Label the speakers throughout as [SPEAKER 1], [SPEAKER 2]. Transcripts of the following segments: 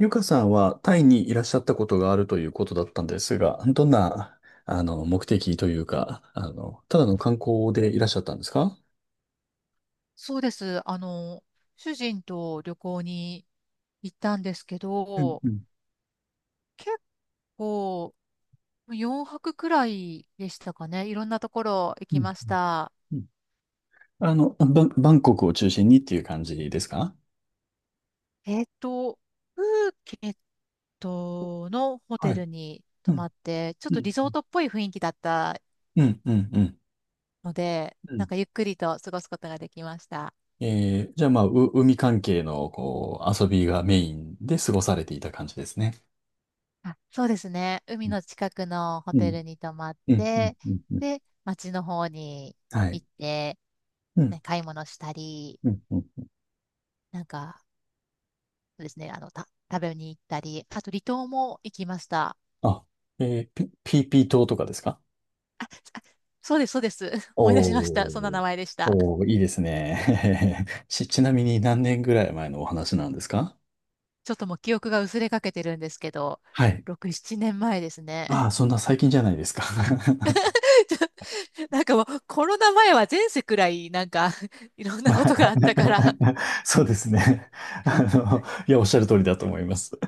[SPEAKER 1] ゆかさんはタイにいらっしゃったことがあるということだったんですが、どんな、目的というか、ただの観光でいらっしゃったんですか？
[SPEAKER 2] そうです。主人と旅行に行ったんですけ
[SPEAKER 1] うん。
[SPEAKER 2] ど、
[SPEAKER 1] うん。
[SPEAKER 2] 結構4泊くらいでしたかね。いろんなところ行
[SPEAKER 1] うん。
[SPEAKER 2] きました。
[SPEAKER 1] うん。うん。バンコクを中心にっていう感じですか？
[SPEAKER 2] えっと、プーケットのホ
[SPEAKER 1] は
[SPEAKER 2] テ
[SPEAKER 1] い。
[SPEAKER 2] ルに
[SPEAKER 1] う
[SPEAKER 2] 泊
[SPEAKER 1] ん、
[SPEAKER 2] まって、ちょっ
[SPEAKER 1] う
[SPEAKER 2] と
[SPEAKER 1] ん、
[SPEAKER 2] リゾートっぽい雰囲気だった
[SPEAKER 1] うん、うん、うん。
[SPEAKER 2] ので、
[SPEAKER 1] う
[SPEAKER 2] なん
[SPEAKER 1] ん。
[SPEAKER 2] かゆっくりと過ごすことができました。
[SPEAKER 1] じゃあ、まあ、海関係の、こう、遊びがメインで過ごされていた感じですね。
[SPEAKER 2] あ、そうですね。海の近くのホ
[SPEAKER 1] う
[SPEAKER 2] テ
[SPEAKER 1] ん、
[SPEAKER 2] ルに泊まっ
[SPEAKER 1] うん、うん、
[SPEAKER 2] て、
[SPEAKER 1] うん、うん。
[SPEAKER 2] で、街の方に
[SPEAKER 1] はい。
[SPEAKER 2] 行って、
[SPEAKER 1] うん、
[SPEAKER 2] ね、買い物したり、
[SPEAKER 1] うん、うん。
[SPEAKER 2] なんか、そうですね、食べに行ったり、あと離島も行きました。
[SPEAKER 1] あ、ピーピー島とかですか？
[SPEAKER 2] あ、そうです、そうです。思い出しました。そんな
[SPEAKER 1] お
[SPEAKER 2] 名
[SPEAKER 1] ー、
[SPEAKER 2] 前でした。
[SPEAKER 1] おー、いいですね。ちなみに何年ぐらい前のお話なんですか？
[SPEAKER 2] ちょっともう記憶が薄れかけてるんですけど、
[SPEAKER 1] はい。
[SPEAKER 2] 6、7年前ですね。
[SPEAKER 1] ああ、そんな最近じゃないですか。
[SPEAKER 2] なんかもうコロナ前は前世くらいなんか いろんなことがあったから、
[SPEAKER 1] そうですね。いや、おっしゃる通りだと思います。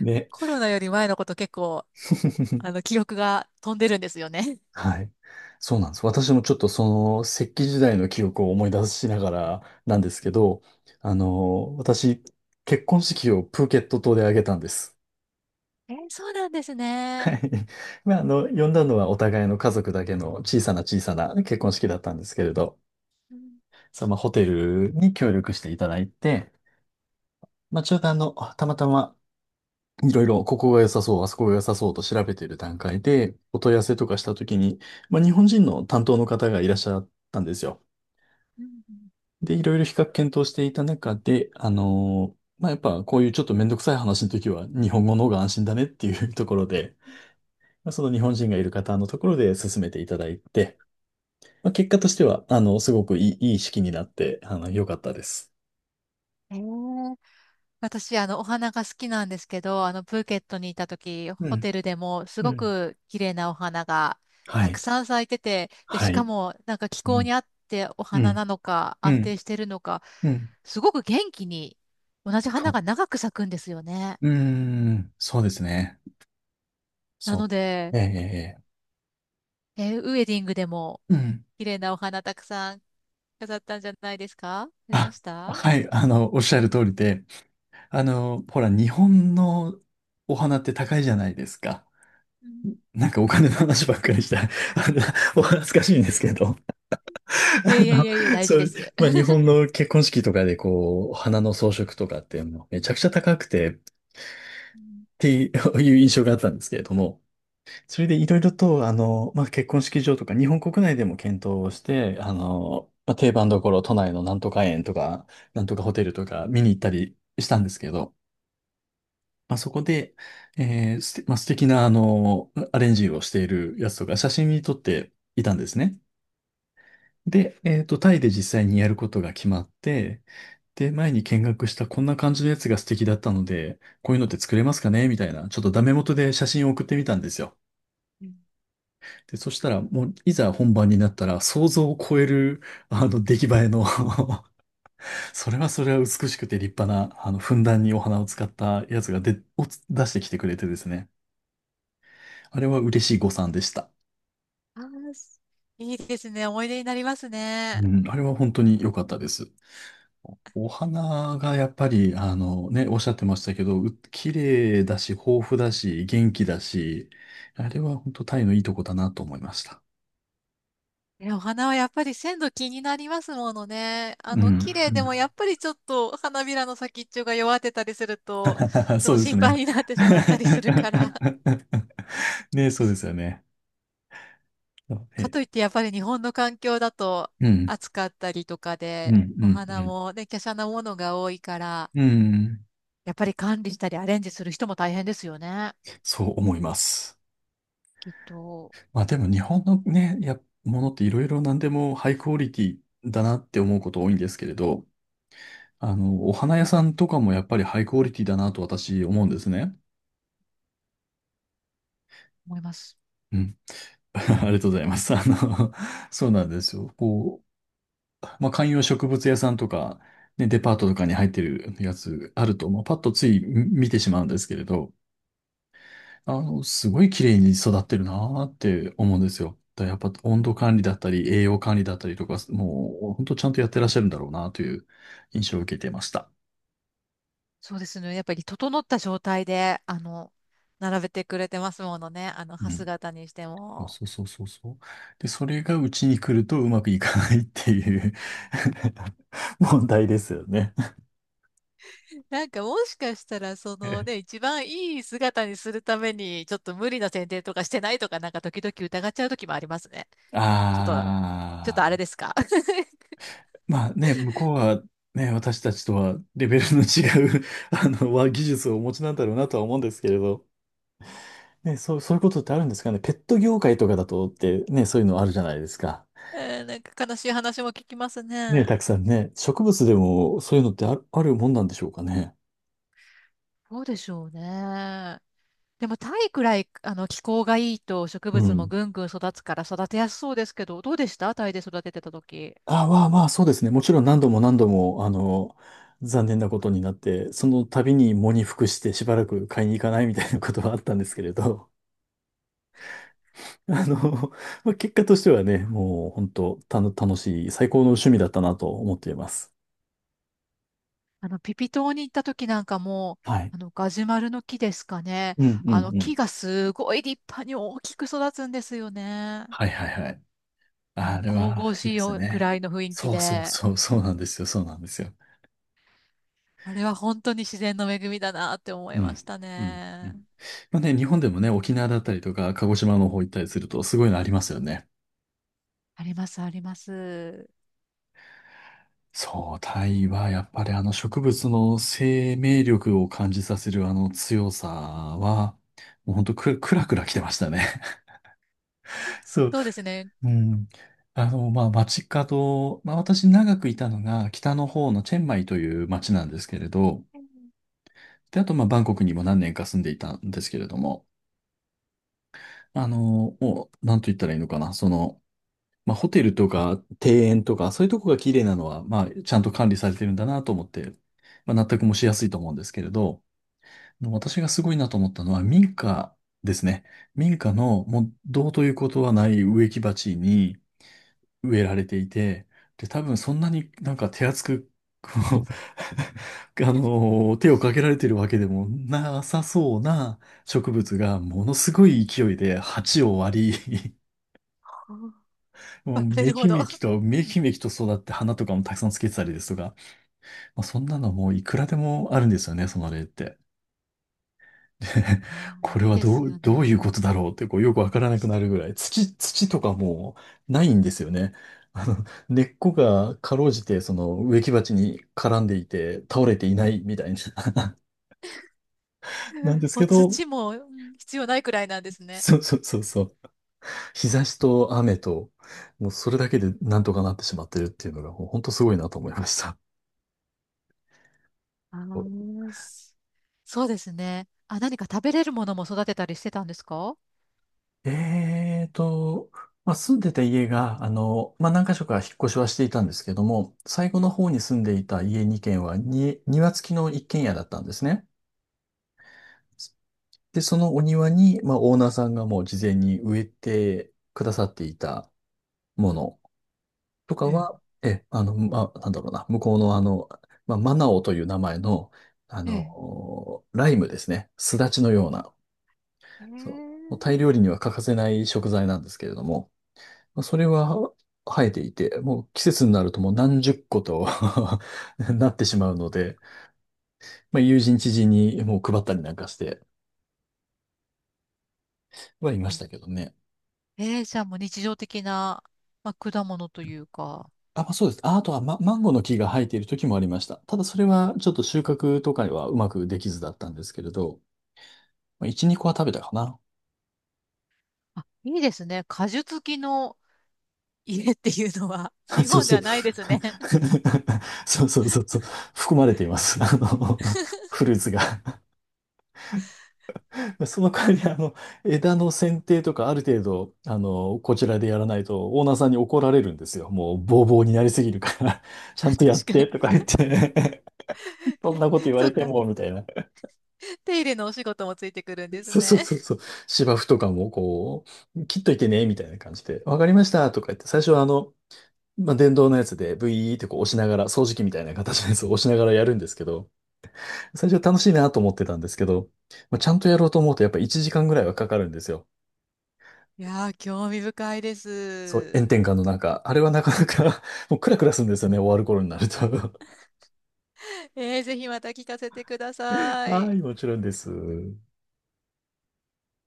[SPEAKER 1] ね。
[SPEAKER 2] コロナより前のこと結構、おあ の、記憶が飛んでるんですよね。
[SPEAKER 1] はい。そうなんです。私もちょっとその石器時代の記憶を思い出しながらなんですけど、私、結婚式をプーケット島で挙げたんです。
[SPEAKER 2] そうなんです
[SPEAKER 1] はい。
[SPEAKER 2] ね。
[SPEAKER 1] まあ、呼んだのはお互いの家族だけの小さな小さな結婚式だったんですけれど、
[SPEAKER 2] うん、
[SPEAKER 1] そのホテルに協力していただいて、まあ、ちょうどたまたまいろいろここが良さそう、あそこが良さそうと調べている段階で、お問い合わせとかしたときに、まあ、日本人の担当の方がいらっしゃったんですよ。
[SPEAKER 2] うん、うん。
[SPEAKER 1] で、いろいろ比較検討していた中で、まあ、やっぱこういうちょっとめんどくさい話の時は日本語の方が安心だねっていうところで、まあその日本人がいる方のところで進めていただいて、まあ、結果としては、すごくいい、いい式になって、良かったです。
[SPEAKER 2] えー私、お花が好きなんですけど、プーケットにいた時、
[SPEAKER 1] う
[SPEAKER 2] ホ
[SPEAKER 1] ん、
[SPEAKER 2] テルでもす
[SPEAKER 1] う
[SPEAKER 2] ご
[SPEAKER 1] ん、
[SPEAKER 2] く綺麗なお花が
[SPEAKER 1] は
[SPEAKER 2] たく
[SPEAKER 1] い。
[SPEAKER 2] さん咲いてて、で、し
[SPEAKER 1] は
[SPEAKER 2] か
[SPEAKER 1] い。
[SPEAKER 2] も、なんか気
[SPEAKER 1] う
[SPEAKER 2] 候
[SPEAKER 1] ん。
[SPEAKER 2] に合ってお
[SPEAKER 1] う
[SPEAKER 2] 花
[SPEAKER 1] ん、
[SPEAKER 2] なのか、
[SPEAKER 1] う
[SPEAKER 2] 安
[SPEAKER 1] ん、
[SPEAKER 2] 定してるのか、
[SPEAKER 1] うん、
[SPEAKER 2] すごく元気に同じ
[SPEAKER 1] そ
[SPEAKER 2] 花
[SPEAKER 1] う。
[SPEAKER 2] が長く咲くんですよね。
[SPEAKER 1] うーん。そうですね。
[SPEAKER 2] な
[SPEAKER 1] そう。
[SPEAKER 2] ので、
[SPEAKER 1] ええ、ええ、
[SPEAKER 2] ウエディングでも
[SPEAKER 1] ええうん。
[SPEAKER 2] 綺麗なお花たくさん飾ったんじゃないですか？ありま
[SPEAKER 1] あ、
[SPEAKER 2] した？
[SPEAKER 1] はい、おっしゃる通りで、ほら、日本のお花って高いじゃないですか。
[SPEAKER 2] うん、
[SPEAKER 1] なんかお金の話ばっかりした。のお恥ずかしいんですけど。
[SPEAKER 2] いやいやいやいや、大事
[SPEAKER 1] そ
[SPEAKER 2] で
[SPEAKER 1] う、
[SPEAKER 2] す。
[SPEAKER 1] まあ日本の結婚式とかでこう、花の装飾とかってもうめちゃくちゃ高くてっ
[SPEAKER 2] うん、
[SPEAKER 1] ていう印象があったんですけれども、それでいろいろとまあ結婚式場とか日本国内でも検討をして、まあ、定番どころ都内のなんとか園とか、なんとかホテルとか見に行ったりしたんですけど、まあそこで、まあ、素敵なアレンジをしているやつとか写真に撮っていたんですね。で、タイで実際にやることが決まって、で、前に見学したこんな感じのやつが素敵だったので、こういうのって作れますかねみたいな、ちょっとダメ元で写真を送ってみたんですよ。で、そしたら、もう、いざ本番になったら、想像を超える、出来栄えの それはそれは美しくて立派な、ふんだんにお花を使ったやつを出してきてくれてですね。あれは嬉しい誤算でした。
[SPEAKER 2] あー、すいいですね。思い出になりますね。
[SPEAKER 1] うん、あれは本当に良かったです。お花がやっぱり、あのね、おっしゃってましたけど、綺麗だし、豊富だし、元気だし、あれは本当タイのいいとこだなと思いました。
[SPEAKER 2] いやお花はやっぱり鮮度気になりますものね。
[SPEAKER 1] うん。うん。
[SPEAKER 2] 綺麗でもやっぱりちょっと花びらの先っちょが弱ってたりすると、ちょっ
[SPEAKER 1] そう
[SPEAKER 2] と
[SPEAKER 1] です
[SPEAKER 2] 心
[SPEAKER 1] ね。
[SPEAKER 2] 配になってしまったりするから。
[SPEAKER 1] ね、そうですよね。
[SPEAKER 2] か
[SPEAKER 1] え、
[SPEAKER 2] といってやっぱり日本の環境だと
[SPEAKER 1] うん、
[SPEAKER 2] 暑かったりとか
[SPEAKER 1] うん、
[SPEAKER 2] で、
[SPEAKER 1] う
[SPEAKER 2] お
[SPEAKER 1] ん、う
[SPEAKER 2] 花
[SPEAKER 1] ん。
[SPEAKER 2] もね、華奢なものが多いから、
[SPEAKER 1] うん。
[SPEAKER 2] やっぱり管理したりアレンジする人も大変ですよね。
[SPEAKER 1] そう思います。まあでも日本のね、ものっていろいろ何でもハイクオリティだなって思うこと多いんですけれど、お花屋さんとかもやっぱりハイクオリティだなと私思うんですね。
[SPEAKER 2] 思います。
[SPEAKER 1] うん。ありがとうございます。そうなんですよ。こう、まあ、観葉植物屋さんとか、ね、デパートとかに入ってるやつあると、まあ、パッとつい見てしまうんですけれど、すごい綺麗に育ってるなーって思うんですよ。だからやっぱ温度管理だったり、栄養管理だったりとか、もう本当ちゃんとやってらっしゃるんだろうなという印象を受けていました。
[SPEAKER 2] そうですね。やっぱり整った状態で、並べてくれてますものね。歯
[SPEAKER 1] うん。
[SPEAKER 2] 姿にして
[SPEAKER 1] そう
[SPEAKER 2] も。
[SPEAKER 1] そうそうそうそう。で、それがうちに来るとうまくいかないっていう 問題ですよね。
[SPEAKER 2] なんかもしかしたら、そのね、一番いい姿にするために、ちょっと無理な剪定とかしてないとか、なんか時々疑っちゃう時もありますね。ちょっと、ちょっと
[SPEAKER 1] あ
[SPEAKER 2] あれ
[SPEAKER 1] あ、
[SPEAKER 2] ですか？
[SPEAKER 1] まあね、向こうはね、私たちとはレベルの違う 技術をお持ちなんだろうなとは思うんですけれど。ね、そういうことってあるんですかね。ペット業界とかだとってね、そういうのあるじゃないですか。
[SPEAKER 2] なんか悲しい話も聞きます
[SPEAKER 1] ね、
[SPEAKER 2] ね。
[SPEAKER 1] たくさんね、植物でもそういうのってあるもんなんでしょうかね。
[SPEAKER 2] そうでしょうね。でも、タイくらい、気候がいいと植
[SPEAKER 1] う
[SPEAKER 2] 物も
[SPEAKER 1] ん。
[SPEAKER 2] ぐんぐん育つから育てやすそうですけど、どうでした、タイで育ててた時？
[SPEAKER 1] あ、まあまあ、そうですね。もちろん何度も何度も、残念なことになって、その度に喪に服してしばらく買いに行かないみたいなことはあったんですけれど、あの、まあ、結果としてはね、もう本当楽しい、最高の趣味だったなと思っています。
[SPEAKER 2] ピピ島に行った時なんかも、
[SPEAKER 1] はい。
[SPEAKER 2] ガジュマルの木ですかね。
[SPEAKER 1] うんうんう
[SPEAKER 2] 木
[SPEAKER 1] ん。
[SPEAKER 2] がすごい立派に大きく育つんですよね。
[SPEAKER 1] はいはいはい。あれ
[SPEAKER 2] 神
[SPEAKER 1] は、
[SPEAKER 2] 々
[SPEAKER 1] いい
[SPEAKER 2] しい
[SPEAKER 1] です
[SPEAKER 2] よく
[SPEAKER 1] ね。
[SPEAKER 2] らいの雰囲気
[SPEAKER 1] そうそう
[SPEAKER 2] で、
[SPEAKER 1] そう、そうなんですよ、そうなんですよ。
[SPEAKER 2] あれは本当に自然の恵みだなって思
[SPEAKER 1] う
[SPEAKER 2] いまし
[SPEAKER 1] ん。
[SPEAKER 2] た
[SPEAKER 1] うんう
[SPEAKER 2] ね。
[SPEAKER 1] ん。まあね、日本でもね、沖縄だったりとか、鹿児島の方行ったりすると、すごいのありますよね。
[SPEAKER 2] あります、あります。
[SPEAKER 1] そう、タイはやっぱりあの植物の生命力を感じさせるあの強さは、もうほんとく、くらくら来てましたね。そう、
[SPEAKER 2] そうですね。
[SPEAKER 1] うん。まあ、街角、まあ、私長くいたのが北の方のチェンマイという街なんですけれど、で、あと、まあ、バンコクにも何年か住んでいたんですけれども、もう、なんと言ったらいいのかな、その、まあ、ホテルとか庭園とか、そういうとこが綺麗なのは、まあ、ちゃんと管理されてるんだなと思って、まあ、納得もしやすいと思うんですけれど、私がすごいなと思ったのは民家ですね。民家のもうどうということはない植木鉢に植えられていて、で、多分そんなになんか手厚く、こう 手をかけられてるわけでもなさそうな植物がものすごい勢いで鉢を割り
[SPEAKER 2] うん、
[SPEAKER 1] もう
[SPEAKER 2] バレ
[SPEAKER 1] め
[SPEAKER 2] るほ
[SPEAKER 1] き
[SPEAKER 2] ど。
[SPEAKER 1] め
[SPEAKER 2] あ
[SPEAKER 1] きと、めきめきと育って花とかもたくさんつけてたりですとか、まあ、そんなのもういくらでもあるんですよね、その例って。
[SPEAKER 2] あ、
[SPEAKER 1] これ
[SPEAKER 2] いい
[SPEAKER 1] は
[SPEAKER 2] ですよ
[SPEAKER 1] どういうこ
[SPEAKER 2] ね。
[SPEAKER 1] とだろうってこうよくわからなくなるぐらい、土とかもうないんですよね。あの、根っこがかろうじてその植木鉢に絡んでいて倒れていないみたいな。なんです
[SPEAKER 2] も
[SPEAKER 1] け
[SPEAKER 2] う
[SPEAKER 1] ど、
[SPEAKER 2] 土も、うん、必要ないくらいなんですね。
[SPEAKER 1] そうそうそうそう。日差しと雨と、もうそれだけでなんとかなってしまってるっていうのが、もう本当すごいなと思いました。
[SPEAKER 2] あーすそうですね。あ、何か食べれるものも育てたりしてたんですか？
[SPEAKER 1] えーと、まあ、住んでた家が、まあ、何箇所か引っ越しはしていたんですけども、最後の方に住んでいた家2軒はに、庭付きの一軒家だったんですね。で、そのお庭に、まあ、オーナーさんがもう事前に植えてくださっていたものとか
[SPEAKER 2] ええ。
[SPEAKER 1] は、まあ、なんだろうな、向こうのまあ、マナオという名前の、
[SPEAKER 2] ええ。
[SPEAKER 1] ライムですね。すだちのような、そう、
[SPEAKER 2] え
[SPEAKER 1] もうタイ料理には欠かせない食材なんですけれども、まあそれは生えていて、もう季節になるともう何十個と なってしまうので、まあ、友人知人にもう配ったりなんかしてはいまし
[SPEAKER 2] え、
[SPEAKER 1] たけどね。
[SPEAKER 2] ええー、じゃあもう日常的な、まあ、果物というか。
[SPEAKER 1] あ、まあ、そうです。あ、あとは、マンゴーの木が生えている時もありました。ただそれはちょっと収穫とかにはうまくできずだったんですけれど、まあ、1、2個は食べたかな。
[SPEAKER 2] あ、いいですね。果樹付きの家っていうのは、日
[SPEAKER 1] そう
[SPEAKER 2] 本で
[SPEAKER 1] そう。
[SPEAKER 2] はないですね。
[SPEAKER 1] そうそうそうそう。含まれています。フルーツが。その代わり、枝の剪定とかある程度、こちらでやらないと、オーナーさんに怒られるんですよ。もう、ボーボーになりすぎるから ち
[SPEAKER 2] あ、
[SPEAKER 1] ゃんとやっ
[SPEAKER 2] 確か
[SPEAKER 1] て、とか
[SPEAKER 2] に。
[SPEAKER 1] 言って そんなこと 言わ
[SPEAKER 2] そっ
[SPEAKER 1] れて
[SPEAKER 2] か。
[SPEAKER 1] も、みたいな。
[SPEAKER 2] 手入れのお仕事もついてくるんです
[SPEAKER 1] そうそ
[SPEAKER 2] ね。
[SPEAKER 1] うそうそう。芝生とかも、こう、切っといてね、みたいな感じで、わかりました、とか言って、最初はまあ、電動のやつで、ブイーってこう押しながら、掃除機みたいな形のやつを押しながらやるんですけど、最初は楽しいなと思ってたんですけど、まあ、ちゃんとやろうと思うと、やっぱ1時間ぐらいはかかるんですよ。
[SPEAKER 2] いやー、興味深いで
[SPEAKER 1] そう、
[SPEAKER 2] す。
[SPEAKER 1] 炎天下の中、あれはなかなか もうクラクラするんですよね、終わる頃になると。
[SPEAKER 2] ぜひまた聞かせてくださ
[SPEAKER 1] はい、
[SPEAKER 2] い。
[SPEAKER 1] もちろんです。